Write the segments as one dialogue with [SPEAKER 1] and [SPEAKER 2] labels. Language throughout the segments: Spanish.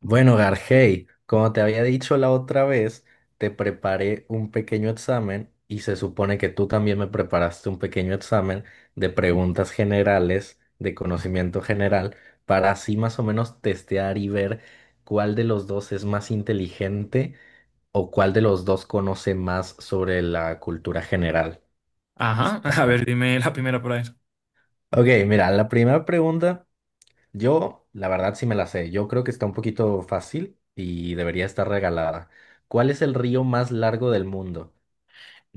[SPEAKER 1] Bueno, Gargey, como te había dicho la otra vez, te preparé un pequeño examen y se supone que tú también me preparaste un pequeño examen de preguntas generales, de conocimiento general, para así más o menos testear y ver cuál de los dos es más inteligente o cuál de los dos conoce más sobre la cultura general.
[SPEAKER 2] Ajá,
[SPEAKER 1] Está-
[SPEAKER 2] a ver, dime la primera por ahí.
[SPEAKER 1] Ok, mira, la primera pregunta. Yo, la verdad, sí me la sé. Yo creo que está un poquito fácil y debería estar regalada. ¿Cuál es el río más largo del mundo?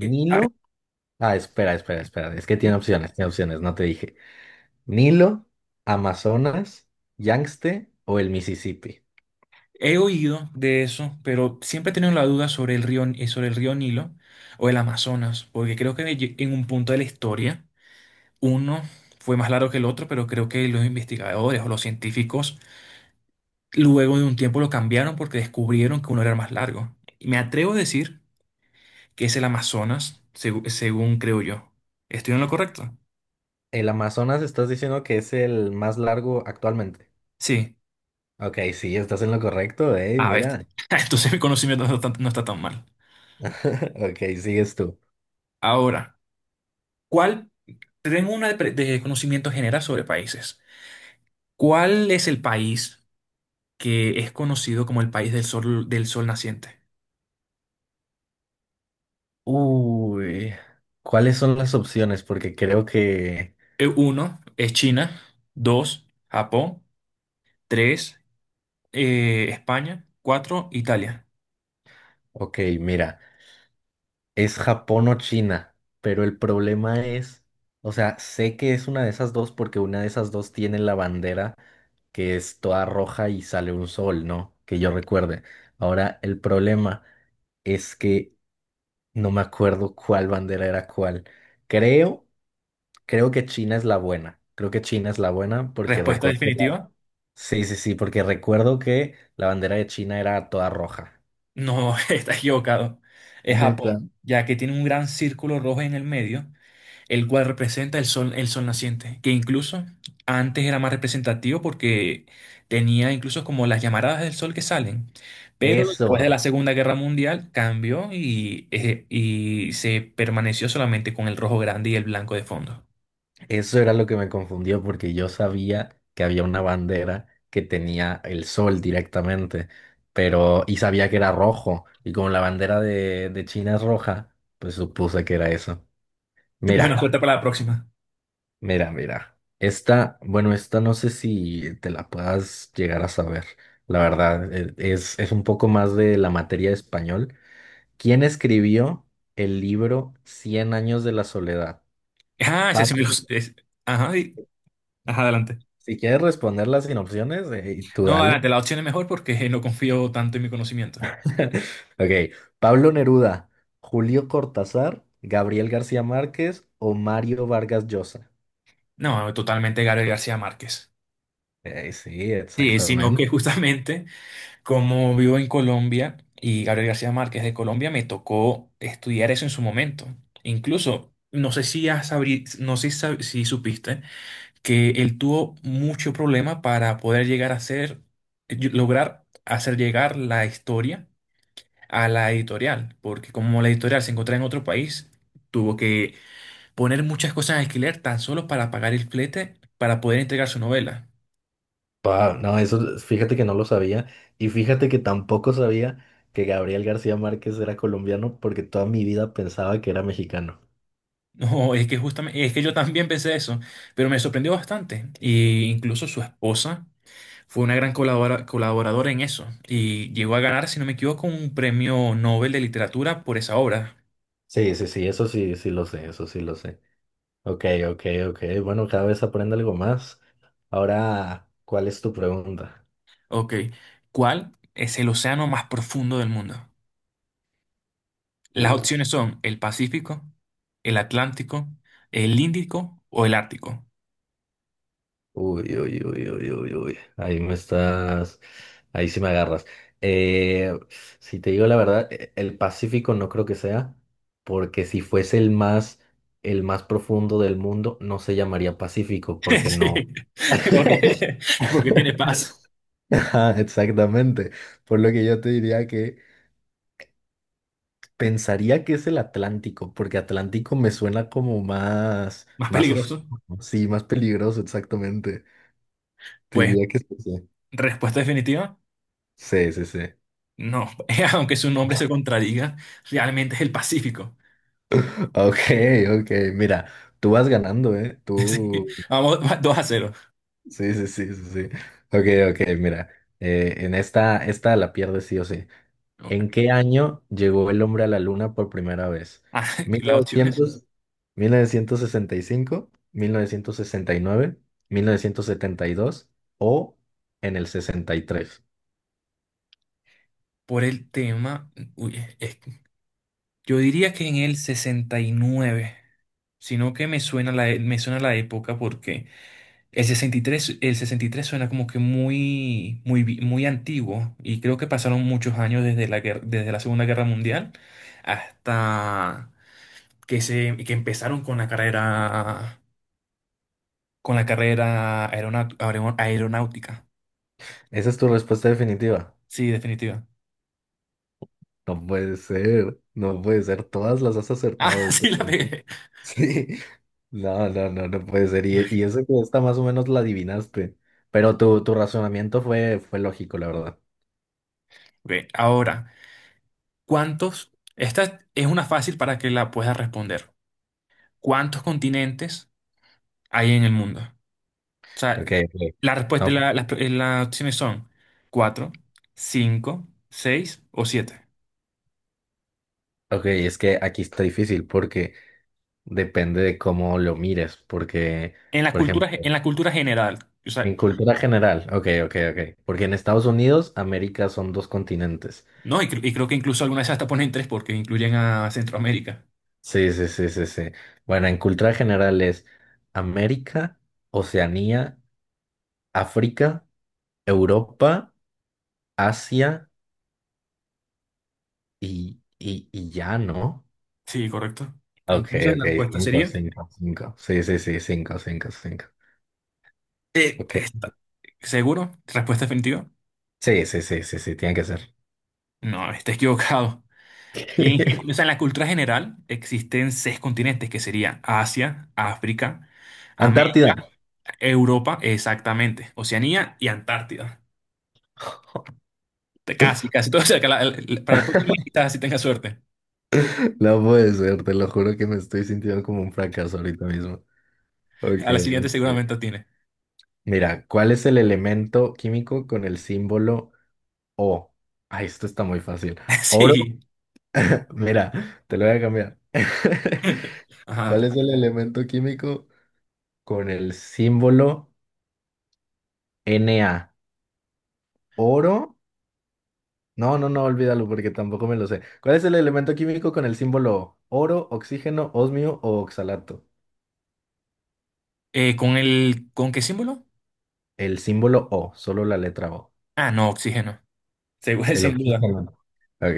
[SPEAKER 2] Eh, ah,
[SPEAKER 1] Ah, espera, espera, espera. Es que
[SPEAKER 2] sí.
[SPEAKER 1] tiene opciones, no te dije. ¿Nilo, Amazonas, Yangtze o el Mississippi?
[SPEAKER 2] He oído de eso, pero siempre he tenido la duda sobre el río Nilo o el Amazonas, porque creo que en un punto de la historia uno fue más largo que el otro, pero creo que los investigadores o los científicos luego de un tiempo lo cambiaron porque descubrieron que uno era más largo. Y me atrevo a decir que es el Amazonas, según creo yo. ¿Estoy en lo correcto?
[SPEAKER 1] El Amazonas estás diciendo que es el más largo actualmente.
[SPEAKER 2] Sí.
[SPEAKER 1] Ok, sí, estás en lo correcto,
[SPEAKER 2] A ver,
[SPEAKER 1] mira.
[SPEAKER 2] entonces mi conocimiento no está tan mal.
[SPEAKER 1] Ok, sigues tú.
[SPEAKER 2] Ahora, ¿cuál? Te Tengo una de conocimiento general sobre países. ¿Cuál es el país que es conocido como el país del sol naciente?
[SPEAKER 1] Uy, ¿cuáles son las opciones? Porque creo que...
[SPEAKER 2] Uno es China, dos, Japón, tres, España, cuatro, Italia.
[SPEAKER 1] Ok, mira. Es Japón o China, pero el problema es, o sea, sé que es una de esas dos porque una de esas dos tiene la bandera que es toda roja y sale un sol, ¿no? Que yo recuerde. Ahora, el problema es que no me acuerdo cuál bandera era cuál. Creo, creo que China es la buena. Creo que China es la buena porque
[SPEAKER 2] Respuesta
[SPEAKER 1] recuerdo que
[SPEAKER 2] definitiva,
[SPEAKER 1] Sí, sí, sí, porque recuerdo que la bandera de China era toda roja.
[SPEAKER 2] no, estás equivocado. Es Japón,
[SPEAKER 1] Neta.
[SPEAKER 2] ya que tiene un gran círculo rojo en el medio el cual representa el sol naciente, que incluso antes era más representativo porque tenía incluso como las llamaradas del sol que salen, pero después de la
[SPEAKER 1] Eso.
[SPEAKER 2] Segunda Guerra Mundial cambió y se permaneció solamente con el rojo grande y el blanco de fondo.
[SPEAKER 1] Eso era lo que me confundió porque yo sabía que había una bandera que tenía el sol directamente, pero y sabía que era rojo y como la bandera de China es roja, pues supuse que era eso.
[SPEAKER 2] Bueno,
[SPEAKER 1] Mira,
[SPEAKER 2] cuenta para la próxima.
[SPEAKER 1] mira, mira. Esta, bueno, esta no sé si te la puedas llegar a saber. La verdad, es un poco más de la materia de español. ¿Quién escribió el libro Cien años de la soledad?
[SPEAKER 2] Ah, ese sí
[SPEAKER 1] Pablo,
[SPEAKER 2] me lo. Ajá, ajá, adelante.
[SPEAKER 1] si quieres responderla sin opciones, tú
[SPEAKER 2] No,
[SPEAKER 1] dale.
[SPEAKER 2] adelante, la opción es mejor porque no confío tanto en mi conocimiento.
[SPEAKER 1] Ok, Pablo Neruda, Julio Cortázar, Gabriel García Márquez o Mario Vargas Llosa.
[SPEAKER 2] No, totalmente Gabriel García Márquez.
[SPEAKER 1] Sí,
[SPEAKER 2] Sí, sino
[SPEAKER 1] exactamente.
[SPEAKER 2] que justamente como vivo en Colombia y Gabriel García Márquez de Colombia, me tocó estudiar eso en su momento. Incluso, no sé si sab- si supiste que él tuvo mucho problema para poder llegar a ser, lograr hacer llegar la historia a la editorial, porque como la editorial se encontraba en otro país, tuvo que poner muchas cosas en alquiler tan solo para pagar el flete para poder entregar su novela.
[SPEAKER 1] Pa, no, eso fíjate que no lo sabía y fíjate que tampoco sabía que Gabriel García Márquez era colombiano porque toda mi vida pensaba que era mexicano.
[SPEAKER 2] No, es que justamente, es que yo también pensé eso, pero me sorprendió bastante. Y incluso su esposa fue una gran colaboradora en eso y llegó a ganar, si no me equivoco, un premio Nobel de literatura por esa obra.
[SPEAKER 1] Sí, sí, sí, eso sí, sí lo sé, eso sí lo sé. Ok, ok, ok. Bueno, cada vez aprende algo más. Ahora, ¿cuál es tu pregunta?
[SPEAKER 2] Ok, ¿cuál es el océano más profundo del mundo? Las
[SPEAKER 1] Uy.
[SPEAKER 2] opciones son el Pacífico, el Atlántico, el Índico o el Ártico.
[SPEAKER 1] Uy, uy, uy, uy, uy, uy. Ahí me estás. Ahí sí me agarras. Eh, si te digo la verdad, el Pacífico no creo que sea, porque si fuese el más profundo del mundo, no se llamaría Pacífico, porque
[SPEAKER 2] Sí,
[SPEAKER 1] no.
[SPEAKER 2] porque, porque tiene paz.
[SPEAKER 1] Ajá, exactamente. Por lo que yo te diría que pensaría que es el Atlántico, porque Atlántico me suena como más,
[SPEAKER 2] Más
[SPEAKER 1] más
[SPEAKER 2] peligroso.
[SPEAKER 1] oscuro, sí, más peligroso, exactamente. Te
[SPEAKER 2] Pues,
[SPEAKER 1] diría que es ese.
[SPEAKER 2] respuesta definitiva.
[SPEAKER 1] Sí, sí, sí.
[SPEAKER 2] No, aunque su nombre se contradiga, realmente es el Pacífico.
[SPEAKER 1] Ok, ok, mira, tú vas ganando, ¿eh?
[SPEAKER 2] Sí,
[SPEAKER 1] Tú...
[SPEAKER 2] vamos dos a 0.
[SPEAKER 1] Sí, sí, sí, sí, sí. Ok, ok, mira, en esta la pierdes sí o sí. ¿En qué año llegó el hombre a la luna por primera vez?
[SPEAKER 2] Ah,
[SPEAKER 1] Mil mil
[SPEAKER 2] las
[SPEAKER 1] mil mil
[SPEAKER 2] opciones
[SPEAKER 1] novecientos sesenta y cinco, nueve, 1972 o en el 63.
[SPEAKER 2] por el tema, uy, yo diría que en el 69, sino que me suena la época porque el sesenta y tres suena como que muy, muy, muy antiguo y creo que pasaron muchos años desde la Segunda Guerra Mundial hasta que empezaron con la carrera con la carrera aeronáutica.
[SPEAKER 1] Esa es tu respuesta definitiva.
[SPEAKER 2] Sí, definitiva.
[SPEAKER 1] No puede ser, no puede ser. Todas las has acertado.
[SPEAKER 2] Ah,
[SPEAKER 1] Esto.
[SPEAKER 2] sí, la pegué.
[SPEAKER 1] Sí. No, no, no, no puede ser. Y eso que está más o menos la adivinaste. Pero tu razonamiento fue lógico, la verdad.
[SPEAKER 2] Ok, ahora, ¿cuántos? Esta es una fácil para que la puedas responder. ¿Cuántos continentes hay en el mundo? O sea,
[SPEAKER 1] Ok, ok.
[SPEAKER 2] la respuesta,
[SPEAKER 1] No,
[SPEAKER 2] las opciones son cuatro, cinco, seis o siete.
[SPEAKER 1] ok, es que aquí está difícil porque depende de cómo lo mires. Porque,
[SPEAKER 2] En la
[SPEAKER 1] por ejemplo,
[SPEAKER 2] cultura, en la cultura general. O sea,
[SPEAKER 1] en cultura general, ok, ok, ok. Porque en Estados Unidos, América son dos continentes.
[SPEAKER 2] no, y creo que incluso algunas hasta ponen tres porque incluyen a Centroamérica.
[SPEAKER 1] Sí, sí, sí, sí, sí. Bueno, en cultura general es América, Oceanía, África, Europa, Asia. Y ya, ¿no?
[SPEAKER 2] Sí, correcto.
[SPEAKER 1] Ok,
[SPEAKER 2] Entonces
[SPEAKER 1] ok,
[SPEAKER 2] la respuesta
[SPEAKER 1] cinco,
[SPEAKER 2] sería
[SPEAKER 1] cinco, cinco. Sí, sí, sí, cinco, cinco, cinco.
[SPEAKER 2] Eh,
[SPEAKER 1] Ok.
[SPEAKER 2] está- ¿Seguro? ¿Respuesta definitiva?
[SPEAKER 1] Sí, sí, sí, sí, sí, tiene que ser.
[SPEAKER 2] No, está equivocado. En, o sea, en la cultura general existen seis continentes que serían Asia, África,
[SPEAKER 1] Antártida.
[SPEAKER 2] América, Europa, exactamente, Oceanía y Antártida. Casi, casi todo cerca. Para la próxima quizás si tenga suerte.
[SPEAKER 1] No puede ser, te lo juro que me estoy sintiendo como un fracaso ahorita mismo. Ok.
[SPEAKER 2] A la siguiente
[SPEAKER 1] Ok.
[SPEAKER 2] seguramente tiene.
[SPEAKER 1] Mira, ¿cuál es el elemento químico con el símbolo O? Ay, esto está muy fácil. Oro.
[SPEAKER 2] Sí.
[SPEAKER 1] Mira, te lo voy a cambiar.
[SPEAKER 2] Ajá.
[SPEAKER 1] ¿Cuál es el elemento químico con el símbolo Na? Oro. No, no, no, olvídalo porque tampoco me lo sé. ¿Cuál es el elemento químico con el símbolo oro, oxígeno, osmio o oxalato?
[SPEAKER 2] ¿Con qué símbolo?
[SPEAKER 1] El símbolo O, solo la letra O.
[SPEAKER 2] Ah, no, oxígeno. Seguro,
[SPEAKER 1] El
[SPEAKER 2] sin duda.
[SPEAKER 1] oxígeno. Ok,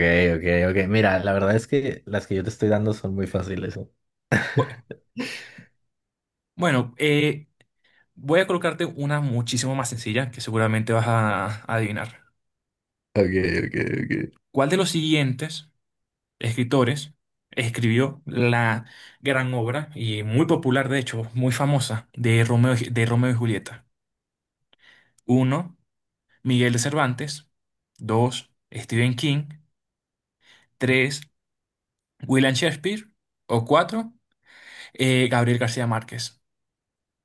[SPEAKER 1] ok, ok. Mira, la verdad es que las que yo te estoy dando son muy fáciles, ¿eh?
[SPEAKER 2] Bu- Bueno, voy a colocarte una muchísimo más sencilla que seguramente vas a adivinar.
[SPEAKER 1] Ok, ok, ok.
[SPEAKER 2] ¿Cuál de los siguientes escritores escribió la gran obra y muy popular, de hecho, muy famosa de de Romeo y Julieta? Uno, Miguel de Cervantes. Dos, Stephen King. Tres, William Shakespeare. O cuatro, Gabriel García Márquez.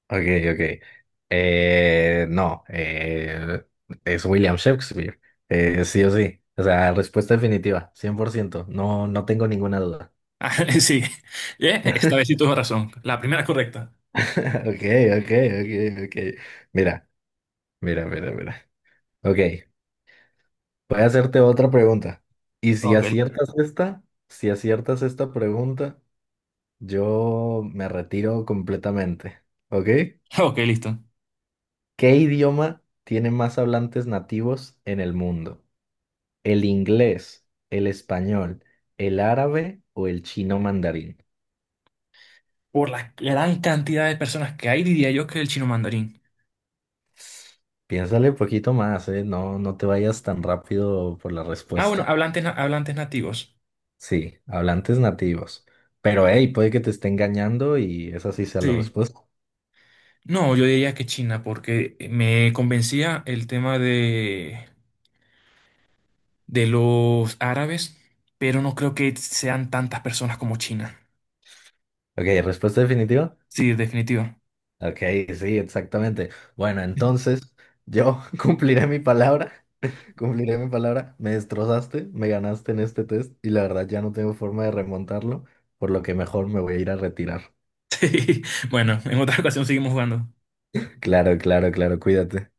[SPEAKER 1] Ok, ok. No, es William Shakespeare. Sí o sí. O sea, respuesta definitiva, 100%. No, no tengo ninguna duda.
[SPEAKER 2] Ah, sí, esta vez sí tuvo razón. La primera es correcta.
[SPEAKER 1] Ok, ok, ok, ok. Mira. Mira, mira, mira. Ok, voy a hacerte otra pregunta. Y
[SPEAKER 2] Ok,
[SPEAKER 1] si aciertas esta pregunta, yo me retiro completamente. ¿Ok?
[SPEAKER 2] ok, listo.
[SPEAKER 1] ¿Qué idioma tiene más hablantes nativos en el mundo? ¿El inglés, el español, el árabe o el chino mandarín?
[SPEAKER 2] Por la gran cantidad de personas que hay, diría yo que el chino mandarín.
[SPEAKER 1] Piénsale un poquito más, ¿eh? No, no te vayas tan rápido por la
[SPEAKER 2] Ah, bueno,
[SPEAKER 1] respuesta.
[SPEAKER 2] hablantes nativos.
[SPEAKER 1] Sí, hablantes nativos. Pero hey, puede que te esté engañando y esa sí sea la
[SPEAKER 2] Sí.
[SPEAKER 1] respuesta.
[SPEAKER 2] No, yo diría que China, porque me convencía el tema de los árabes, pero no creo que sean tantas personas como China.
[SPEAKER 1] Ok, respuesta definitiva.
[SPEAKER 2] Sí, definitiva.
[SPEAKER 1] Ok, sí, exactamente. Bueno, entonces yo cumpliré mi palabra, cumpliré mi palabra. Me destrozaste, me ganaste en este test y la verdad ya no tengo forma de remontarlo, por lo que mejor me voy a ir a retirar.
[SPEAKER 2] Sí. Bueno, en otra ocasión seguimos jugando.
[SPEAKER 1] Claro, claro, claro, cuídate.